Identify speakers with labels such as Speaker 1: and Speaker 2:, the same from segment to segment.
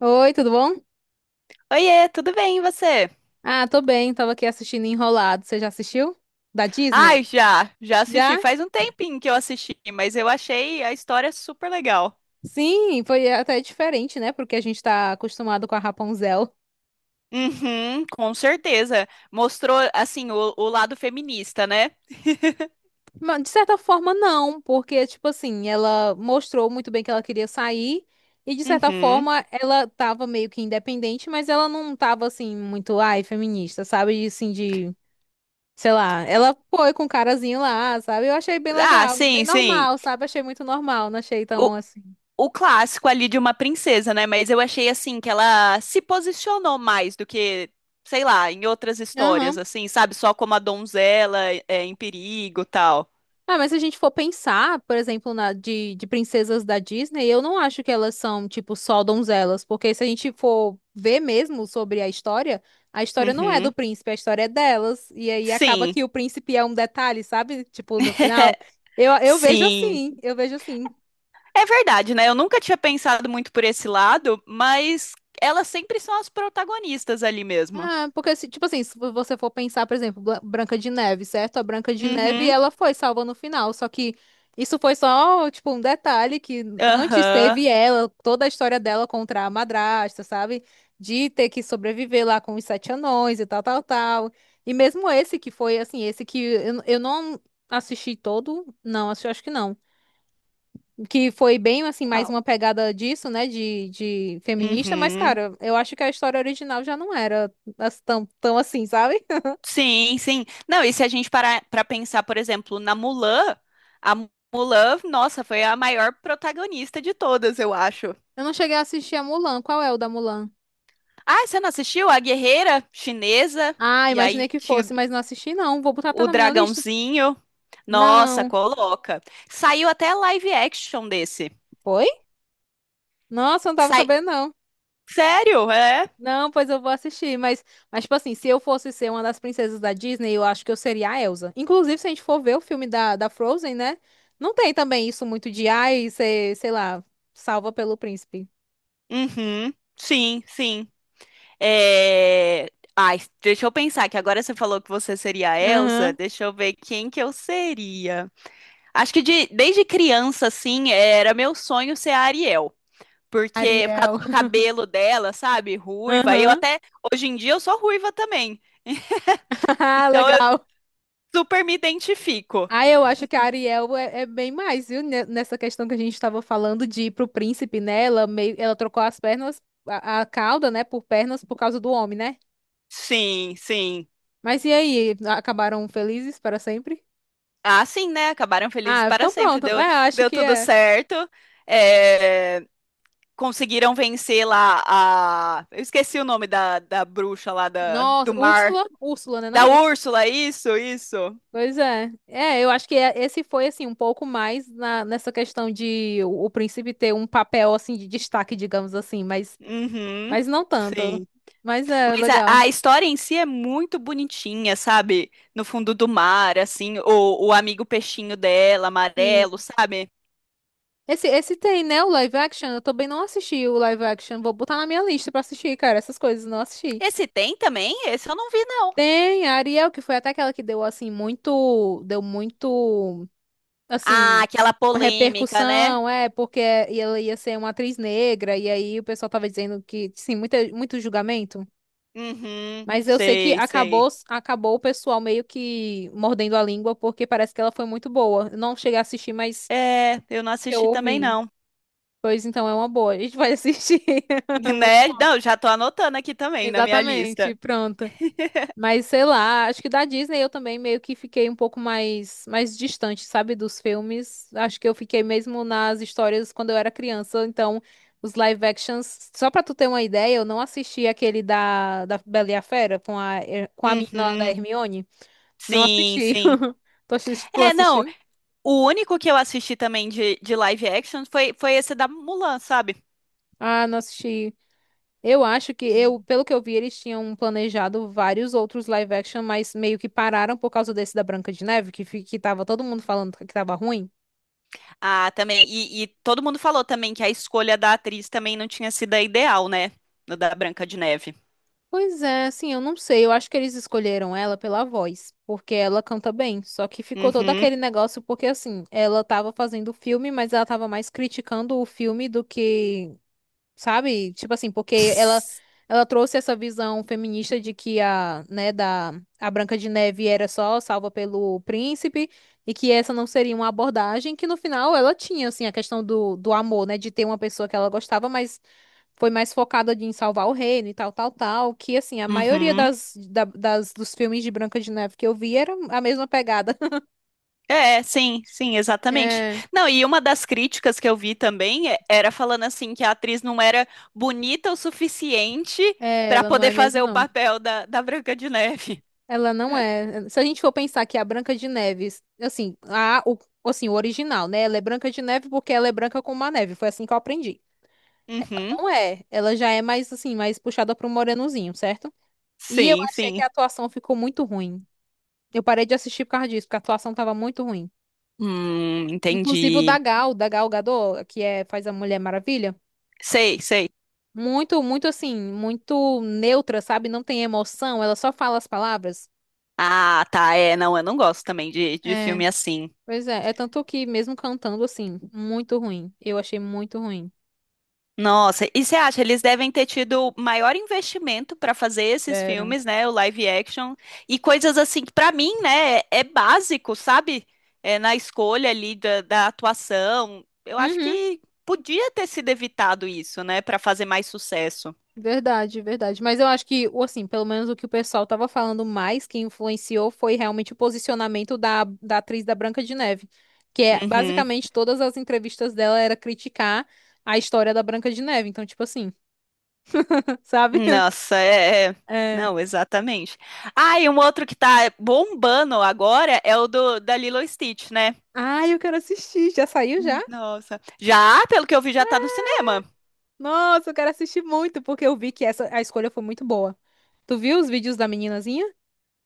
Speaker 1: Oi, tudo bom?
Speaker 2: Oiê, tudo bem, e você?
Speaker 1: Ah, tô bem, tava aqui assistindo Enrolado. Você já assistiu? Da Disney?
Speaker 2: Ai, já assisti.
Speaker 1: Já?
Speaker 2: Faz um tempinho que eu assisti, mas eu achei a história super legal.
Speaker 1: Sim, foi até diferente, né? Porque a gente tá acostumado com a Rapunzel.
Speaker 2: Uhum, com certeza. Mostrou, assim, o lado feminista, né?
Speaker 1: Mas, de certa forma, não, porque, tipo assim, ela mostrou muito bem que ela queria sair, e de certa
Speaker 2: Uhum.
Speaker 1: forma, ela tava meio que independente, mas ela não tava, assim, muito, ai, feminista, sabe? E, assim, de, sei lá, ela foi com o carazinho lá, sabe? Eu achei bem
Speaker 2: Ah,
Speaker 1: legal, bem
Speaker 2: sim, sim.
Speaker 1: normal, sabe? Achei muito normal, não achei
Speaker 2: O,
Speaker 1: tão assim.
Speaker 2: o clássico ali de uma princesa, né? Mas eu achei, assim, que ela se posicionou mais do que, sei lá, em outras histórias,
Speaker 1: Aham.
Speaker 2: assim, sabe? Só como a donzela é em perigo e tal.
Speaker 1: Ah, mas se a gente for pensar, por exemplo, na, de princesas da Disney, eu não acho que elas são, tipo, só donzelas, porque se a gente for ver mesmo sobre a história não é do
Speaker 2: Uhum.
Speaker 1: príncipe, a história é delas, e aí acaba
Speaker 2: Sim.
Speaker 1: que o príncipe é um detalhe, sabe? Tipo, no final. Eu vejo
Speaker 2: Sim.
Speaker 1: assim, eu vejo assim.
Speaker 2: É verdade, né? Eu nunca tinha pensado muito por esse lado, mas elas sempre são as protagonistas ali mesmo.
Speaker 1: Ah, porque, tipo assim, se você for pensar, por exemplo, Branca de Neve, certo? A Branca de Neve,
Speaker 2: Uhum,
Speaker 1: ela foi salva no final, só que isso foi só, tipo, um detalhe que antes
Speaker 2: aham.
Speaker 1: teve ela, toda a história dela contra a madrasta, sabe? De ter que sobreviver lá com os sete anões e tal, tal, tal. E mesmo esse que foi, assim, esse que eu não assisti todo, não, acho que não que foi bem assim mais
Speaker 2: Qual?
Speaker 1: uma pegada disso, né, de feminista, mas
Speaker 2: Uhum.
Speaker 1: cara, eu acho que a história original já não era tão, tão assim, sabe?
Speaker 2: Sim, sim. Não, e se a gente parar para pensar, por exemplo, na Mulan, a Mulan, nossa, foi a maior protagonista de todas, eu acho.
Speaker 1: Eu não cheguei a assistir a Mulan. Qual é o da Mulan?
Speaker 2: Ah, você não assistiu? A guerreira chinesa,
Speaker 1: Ah,
Speaker 2: e aí
Speaker 1: imaginei que
Speaker 2: tinha
Speaker 1: fosse, mas não assisti não. Vou botar até
Speaker 2: o
Speaker 1: na minha lista.
Speaker 2: dragãozinho. Nossa,
Speaker 1: Não.
Speaker 2: coloca. Saiu até live action desse.
Speaker 1: Foi? Nossa, não tava
Speaker 2: Sai-
Speaker 1: sabendo não.
Speaker 2: Sério? É?
Speaker 1: Não, pois eu vou assistir, mas tipo assim, se eu fosse ser uma das princesas da Disney, eu acho que eu seria a Elsa. Inclusive, se a gente for ver o filme da Frozen, né? Não tem também isso muito de ai, ser, sei lá, salva pelo príncipe.
Speaker 2: Uhum. Sim, sim. É... Ai, deixa eu pensar, que agora você falou que você seria a Elsa,
Speaker 1: Aham,
Speaker 2: deixa eu ver quem que eu seria. Acho que desde criança, assim, era meu sonho ser a Ariel. Porque, por causa
Speaker 1: Ariel.
Speaker 2: do cabelo dela, sabe? Ruiva. E eu
Speaker 1: Aham.
Speaker 2: até, hoje em dia, eu sou ruiva também.
Speaker 1: Ah,
Speaker 2: Então, eu
Speaker 1: legal.
Speaker 2: super me identifico.
Speaker 1: Ah, eu acho que a Ariel é, é bem mais, viu? Nessa questão que a gente estava falando de ir pro príncipe, né? Ela meio, ela trocou as pernas, a cauda, né, por pernas por causa do homem, né?
Speaker 2: Sim, sim.
Speaker 1: Mas e aí? Acabaram felizes para sempre?
Speaker 2: Ah, sim, né? Acabaram felizes
Speaker 1: Ah,
Speaker 2: para
Speaker 1: então
Speaker 2: sempre.
Speaker 1: pronto.
Speaker 2: Deu,
Speaker 1: É, eu acho
Speaker 2: deu
Speaker 1: que
Speaker 2: tudo
Speaker 1: é.
Speaker 2: certo. É, conseguiram vencer lá a. Eu esqueci o nome da, da bruxa lá da,
Speaker 1: Nossa,
Speaker 2: do mar.
Speaker 1: Úrsula, Úrsula, né? Não,
Speaker 2: Da
Speaker 1: Úrsula.
Speaker 2: Úrsula, isso, isso.
Speaker 1: Pois é. É, eu acho que esse foi assim um pouco mais na, nessa questão de o príncipe ter um papel assim de destaque, digamos assim, mas
Speaker 2: Uhum.
Speaker 1: Mas não tanto.
Speaker 2: Sim.
Speaker 1: Mas é
Speaker 2: Mas a,
Speaker 1: legal.
Speaker 2: a história em si é muito bonitinha, sabe? No fundo do mar, assim, o amigo peixinho dela,
Speaker 1: Sim.
Speaker 2: amarelo, sabe?
Speaker 1: Esse tem, né? O live action. Eu também não assisti o live action. Vou botar na minha lista pra assistir, cara. Essas coisas, não assisti.
Speaker 2: Esse tem também? Esse eu não vi, não.
Speaker 1: Tem a Ariel, que foi até aquela que deu, assim, muito. Deu muito.
Speaker 2: Ah,
Speaker 1: Assim.
Speaker 2: aquela
Speaker 1: Uma
Speaker 2: polêmica, né?
Speaker 1: repercussão, é, porque ela ia ser uma atriz negra. E aí o pessoal tava dizendo que. Sim, muita, muito julgamento.
Speaker 2: Uhum,
Speaker 1: Mas eu sei que
Speaker 2: sei, sei.
Speaker 1: acabou, acabou o pessoal meio que mordendo a língua, porque parece que ela foi muito boa. Eu não cheguei a assistir, mas
Speaker 2: É, eu não
Speaker 1: eu
Speaker 2: assisti também,
Speaker 1: ouvi.
Speaker 2: não.
Speaker 1: Pois então é uma boa, a gente vai assistir. Muito
Speaker 2: Né?
Speaker 1: bom.
Speaker 2: Não, já tô anotando aqui também na minha
Speaker 1: Exatamente,
Speaker 2: lista.
Speaker 1: pronta. Mas sei lá, acho que da Disney eu também meio que fiquei um pouco mais mais distante, sabe, dos filmes. Acho que eu fiquei mesmo nas histórias quando eu era criança, então os live actions, só pra tu ter uma ideia, eu não assisti aquele da Bela e a Fera com a com a menina lá da
Speaker 2: Uhum.
Speaker 1: Hermione. Não
Speaker 2: Sim,
Speaker 1: assisti.
Speaker 2: sim.
Speaker 1: Tu
Speaker 2: É, não,
Speaker 1: assistiu?
Speaker 2: o único que eu assisti também de live action foi, foi esse da Mulan, sabe?
Speaker 1: Ah, não assisti. Eu acho que eu,
Speaker 2: E-
Speaker 1: pelo que eu vi, eles tinham planejado vários outros live action, mas meio que pararam por causa desse da Branca de Neve, que, que tava todo mundo falando que tava ruim.
Speaker 2: Ah, também. E todo mundo falou também que a escolha da atriz também não tinha sido a ideal, né? No da Branca de Neve.
Speaker 1: Pois é, assim, eu não sei. Eu acho que eles escolheram ela pela voz, porque ela canta bem. Só que ficou todo
Speaker 2: Uhum.
Speaker 1: aquele negócio, porque assim, ela tava fazendo o filme, mas ela tava mais criticando o filme do que sabe? Tipo assim, porque ela
Speaker 2: Ss-
Speaker 1: ela trouxe essa visão feminista de que a, né, da a Branca de Neve era só salva pelo príncipe e que essa não seria uma abordagem que no final ela tinha assim a questão do amor, né, de ter uma pessoa que ela gostava, mas foi mais focada de em salvar o reino e tal, tal, tal, que assim, a maioria
Speaker 2: Uhum.
Speaker 1: das, das dos filmes de Branca de Neve que eu vi era a mesma pegada.
Speaker 2: É, sim, sim, exatamente.
Speaker 1: É,
Speaker 2: Não, e uma das críticas que eu vi também era falando assim que a atriz não era bonita o suficiente
Speaker 1: é,
Speaker 2: para
Speaker 1: ela não
Speaker 2: poder
Speaker 1: é mesmo,
Speaker 2: fazer o
Speaker 1: não.
Speaker 2: papel da, da Branca de Neve.
Speaker 1: Ela não é. Se a gente for pensar que é a Branca de Neve, assim, o, assim, o original, né? Ela é Branca de Neve porque ela é branca como a neve. Foi assim que eu aprendi.
Speaker 2: Uhum.
Speaker 1: Não é. Ela já é mais, assim, mais puxada pro morenozinho, certo? E eu
Speaker 2: Sim,
Speaker 1: achei que a
Speaker 2: sim.
Speaker 1: atuação ficou muito ruim. Eu parei de assistir por causa disso, porque a atuação tava muito ruim. Inclusive o
Speaker 2: Entendi.
Speaker 1: Da Gal Gadot, que é, faz a Mulher Maravilha.
Speaker 2: Sei, sei.
Speaker 1: Muito, muito assim, muito neutra, sabe? Não tem emoção, ela só fala as palavras.
Speaker 2: Ah, tá. É, não, eu não gosto também de
Speaker 1: É.
Speaker 2: filme assim.
Speaker 1: Pois é, é tanto que mesmo cantando assim, muito ruim. Eu achei muito ruim.
Speaker 2: Nossa, e você acha, eles devem ter tido maior investimento pra fazer esses
Speaker 1: Era.
Speaker 2: filmes, né? O live action e coisas assim que pra mim, né, é é básico, sabe? É na escolha ali da, da atuação. Eu acho
Speaker 1: Uhum,
Speaker 2: que podia ter sido evitado isso, né, pra fazer mais sucesso.
Speaker 1: verdade, verdade. Mas eu acho que, assim, pelo menos o que o pessoal tava falando mais que influenciou foi realmente o posicionamento da atriz da Branca de Neve. Que é
Speaker 2: Uhum.
Speaker 1: basicamente todas as entrevistas dela era criticar a história da Branca de Neve. Então, tipo assim, sabe?
Speaker 2: Nossa, é, é.
Speaker 1: É.
Speaker 2: Não, exatamente. Ah, e um outro que tá bombando agora é o do da Lilo e Stitch, né?
Speaker 1: Ai, eu quero assistir. Já saiu já?
Speaker 2: Nossa. Já, pelo que eu vi, já tá no cinema.
Speaker 1: Nossa, eu quero assistir muito, porque eu vi que essa, a escolha foi muito boa. Tu viu os vídeos da meninazinha?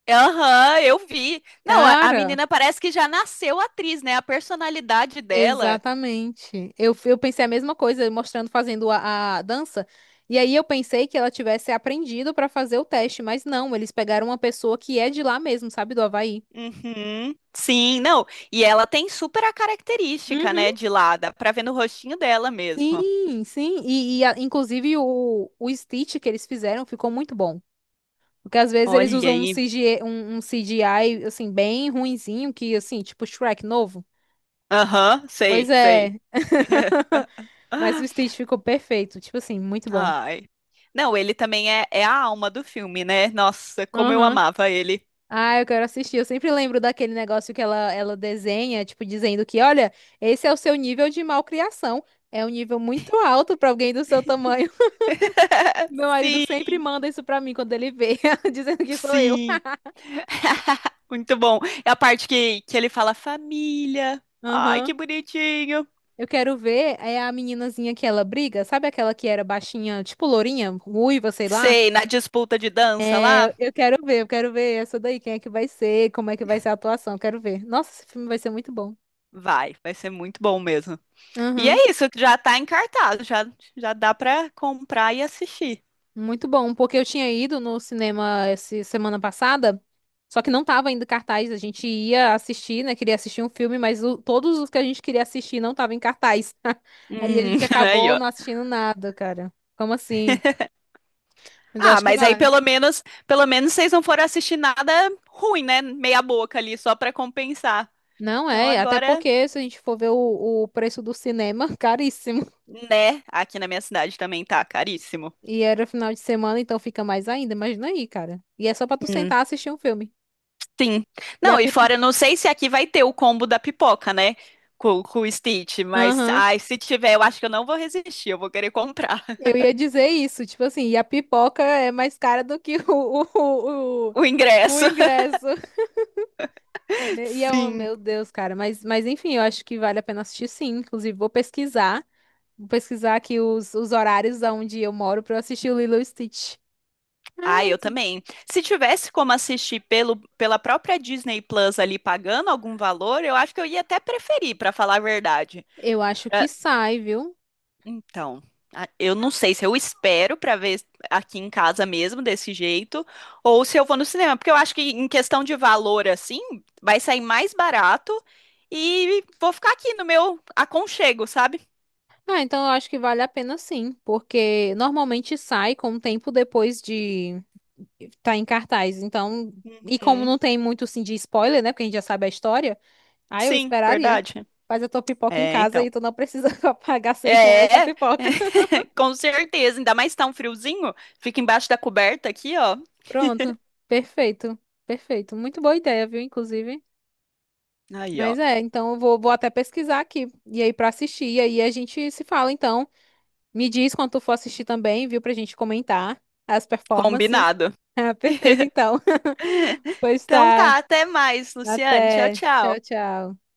Speaker 2: Aham, eu vi. Não, a
Speaker 1: Cara,
Speaker 2: menina parece que já nasceu atriz, né? A personalidade dela.
Speaker 1: exatamente. Eu pensei a mesma coisa, mostrando fazendo a dança. E aí eu pensei que ela tivesse aprendido pra fazer o teste, mas não, eles pegaram uma pessoa que é de lá mesmo, sabe, do Havaí.
Speaker 2: Uhum. Sim, não. E ela tem super a característica,
Speaker 1: Uhum.
Speaker 2: né, de lá, dá pra ver no rostinho dela mesmo.
Speaker 1: Sim, sim. Inclusive o Stitch que eles fizeram ficou muito bom. Porque às vezes
Speaker 2: Olha
Speaker 1: eles usam um
Speaker 2: aí.
Speaker 1: CGI, um, um CGI assim, bem ruinzinho, que assim, tipo Shrek novo.
Speaker 2: Aham,
Speaker 1: Pois
Speaker 2: sei, sei.
Speaker 1: é. Mas o Stitch ficou perfeito. Tipo assim, muito bom.
Speaker 2: Ai. Não, ele também é a alma do filme, né? Nossa, como eu
Speaker 1: Aham.
Speaker 2: amava ele.
Speaker 1: Ah, eu quero assistir. Eu sempre lembro daquele negócio que ela desenha, tipo, dizendo que, olha, esse é o seu nível de malcriação. É um nível muito alto pra alguém do seu tamanho. Meu marido
Speaker 2: Sim,
Speaker 1: sempre manda isso pra mim quando ele vê, dizendo que sou eu.
Speaker 2: sim. Muito bom. É a parte que ele fala família. Ai,
Speaker 1: Aham.
Speaker 2: que bonitinho.
Speaker 1: Eu quero ver é a meninazinha que ela briga, sabe aquela que era baixinha, tipo lourinha, ruiva, sei lá?
Speaker 2: Sei, na disputa de dança lá.
Speaker 1: Eu quero ver, eu quero ver essa daí, quem é que vai ser, como é que vai ser a atuação, eu quero ver. Nossa, esse filme vai ser muito bom.
Speaker 2: Vai ser muito bom mesmo. E é isso, que já tá em cartaz, já, já dá pra comprar e assistir.
Speaker 1: Muito bom, porque eu tinha ido no cinema essa semana passada, só que não tava ainda em cartaz. A gente ia assistir, né? Queria assistir um filme, mas todos os que a gente queria assistir não estavam em cartaz. Aí a
Speaker 2: Hum,
Speaker 1: gente
Speaker 2: aí,
Speaker 1: acabou
Speaker 2: ó.
Speaker 1: não assistindo nada, cara. Como assim? Mas eu
Speaker 2: Ah,
Speaker 1: acho que
Speaker 2: mas aí
Speaker 1: vale.
Speaker 2: pelo menos vocês não foram assistir nada ruim, né? Meia boca ali, só pra compensar.
Speaker 1: Não
Speaker 2: Então
Speaker 1: é, até
Speaker 2: agora,
Speaker 1: porque se a gente for ver o preço do cinema, caríssimo.
Speaker 2: né, aqui na minha cidade também tá caríssimo.
Speaker 1: E era final de semana, então fica mais ainda. Imagina aí, cara. E é só pra tu
Speaker 2: Hum,
Speaker 1: sentar e assistir um filme.
Speaker 2: sim.
Speaker 1: E a
Speaker 2: Não, e
Speaker 1: pipoca.
Speaker 2: fora, eu não sei se aqui vai ter o combo da pipoca, né? Com o Stitch, mas ai, se tiver, eu acho que eu não vou resistir, eu vou querer comprar
Speaker 1: Eu ia dizer isso, tipo assim, e a pipoca é mais cara do que o
Speaker 2: o
Speaker 1: o
Speaker 2: ingresso.
Speaker 1: ingresso. E é um,
Speaker 2: Sim.
Speaker 1: meu Deus, cara, mas enfim, eu acho que vale a pena assistir sim. Inclusive, vou pesquisar aqui os horários onde eu moro pra eu assistir o Lilo e Stitch.
Speaker 2: Ah,
Speaker 1: Ah,
Speaker 2: eu
Speaker 1: isso.
Speaker 2: também. Se tivesse como assistir pelo, pela própria Disney Plus ali pagando algum valor, eu acho que eu ia até preferir, pra falar a verdade.
Speaker 1: Eu acho que sai, viu?
Speaker 2: Então, eu não sei se eu espero pra ver aqui em casa mesmo desse jeito ou se eu vou no cinema, porque eu acho que em questão de valor assim, vai sair mais barato e vou ficar aqui no meu aconchego, sabe?
Speaker 1: Ah, então eu acho que vale a pena sim, porque normalmente sai com um tempo depois de estar em cartaz. Então, e como
Speaker 2: Uhum.
Speaker 1: não tem muito assim de spoiler, né? Porque a gente já sabe a história. Ah, eu
Speaker 2: Sim,
Speaker 1: esperaria.
Speaker 2: verdade.
Speaker 1: Faz a tua pipoca em
Speaker 2: É,
Speaker 1: casa
Speaker 2: então.
Speaker 1: e tu não precisa pagar 100 reais na
Speaker 2: É, é.
Speaker 1: pipoca.
Speaker 2: Com certeza. Ainda mais tá um friozinho, fica embaixo da coberta aqui, ó.
Speaker 1: Pronto. Perfeito. Perfeito. Muito boa ideia, viu, inclusive.
Speaker 2: Aí, ó.
Speaker 1: Mas é, então eu vou, vou até pesquisar aqui. E aí pra assistir. E aí a gente se fala, então. Me diz quando tu for assistir também, viu, pra gente comentar as performances.
Speaker 2: Combinado.
Speaker 1: Ah, perfeito, então. Pois
Speaker 2: Então
Speaker 1: tá.
Speaker 2: tá, até mais, Luciane. Tchau,
Speaker 1: Até. Tchau,
Speaker 2: tchau.
Speaker 1: tchau.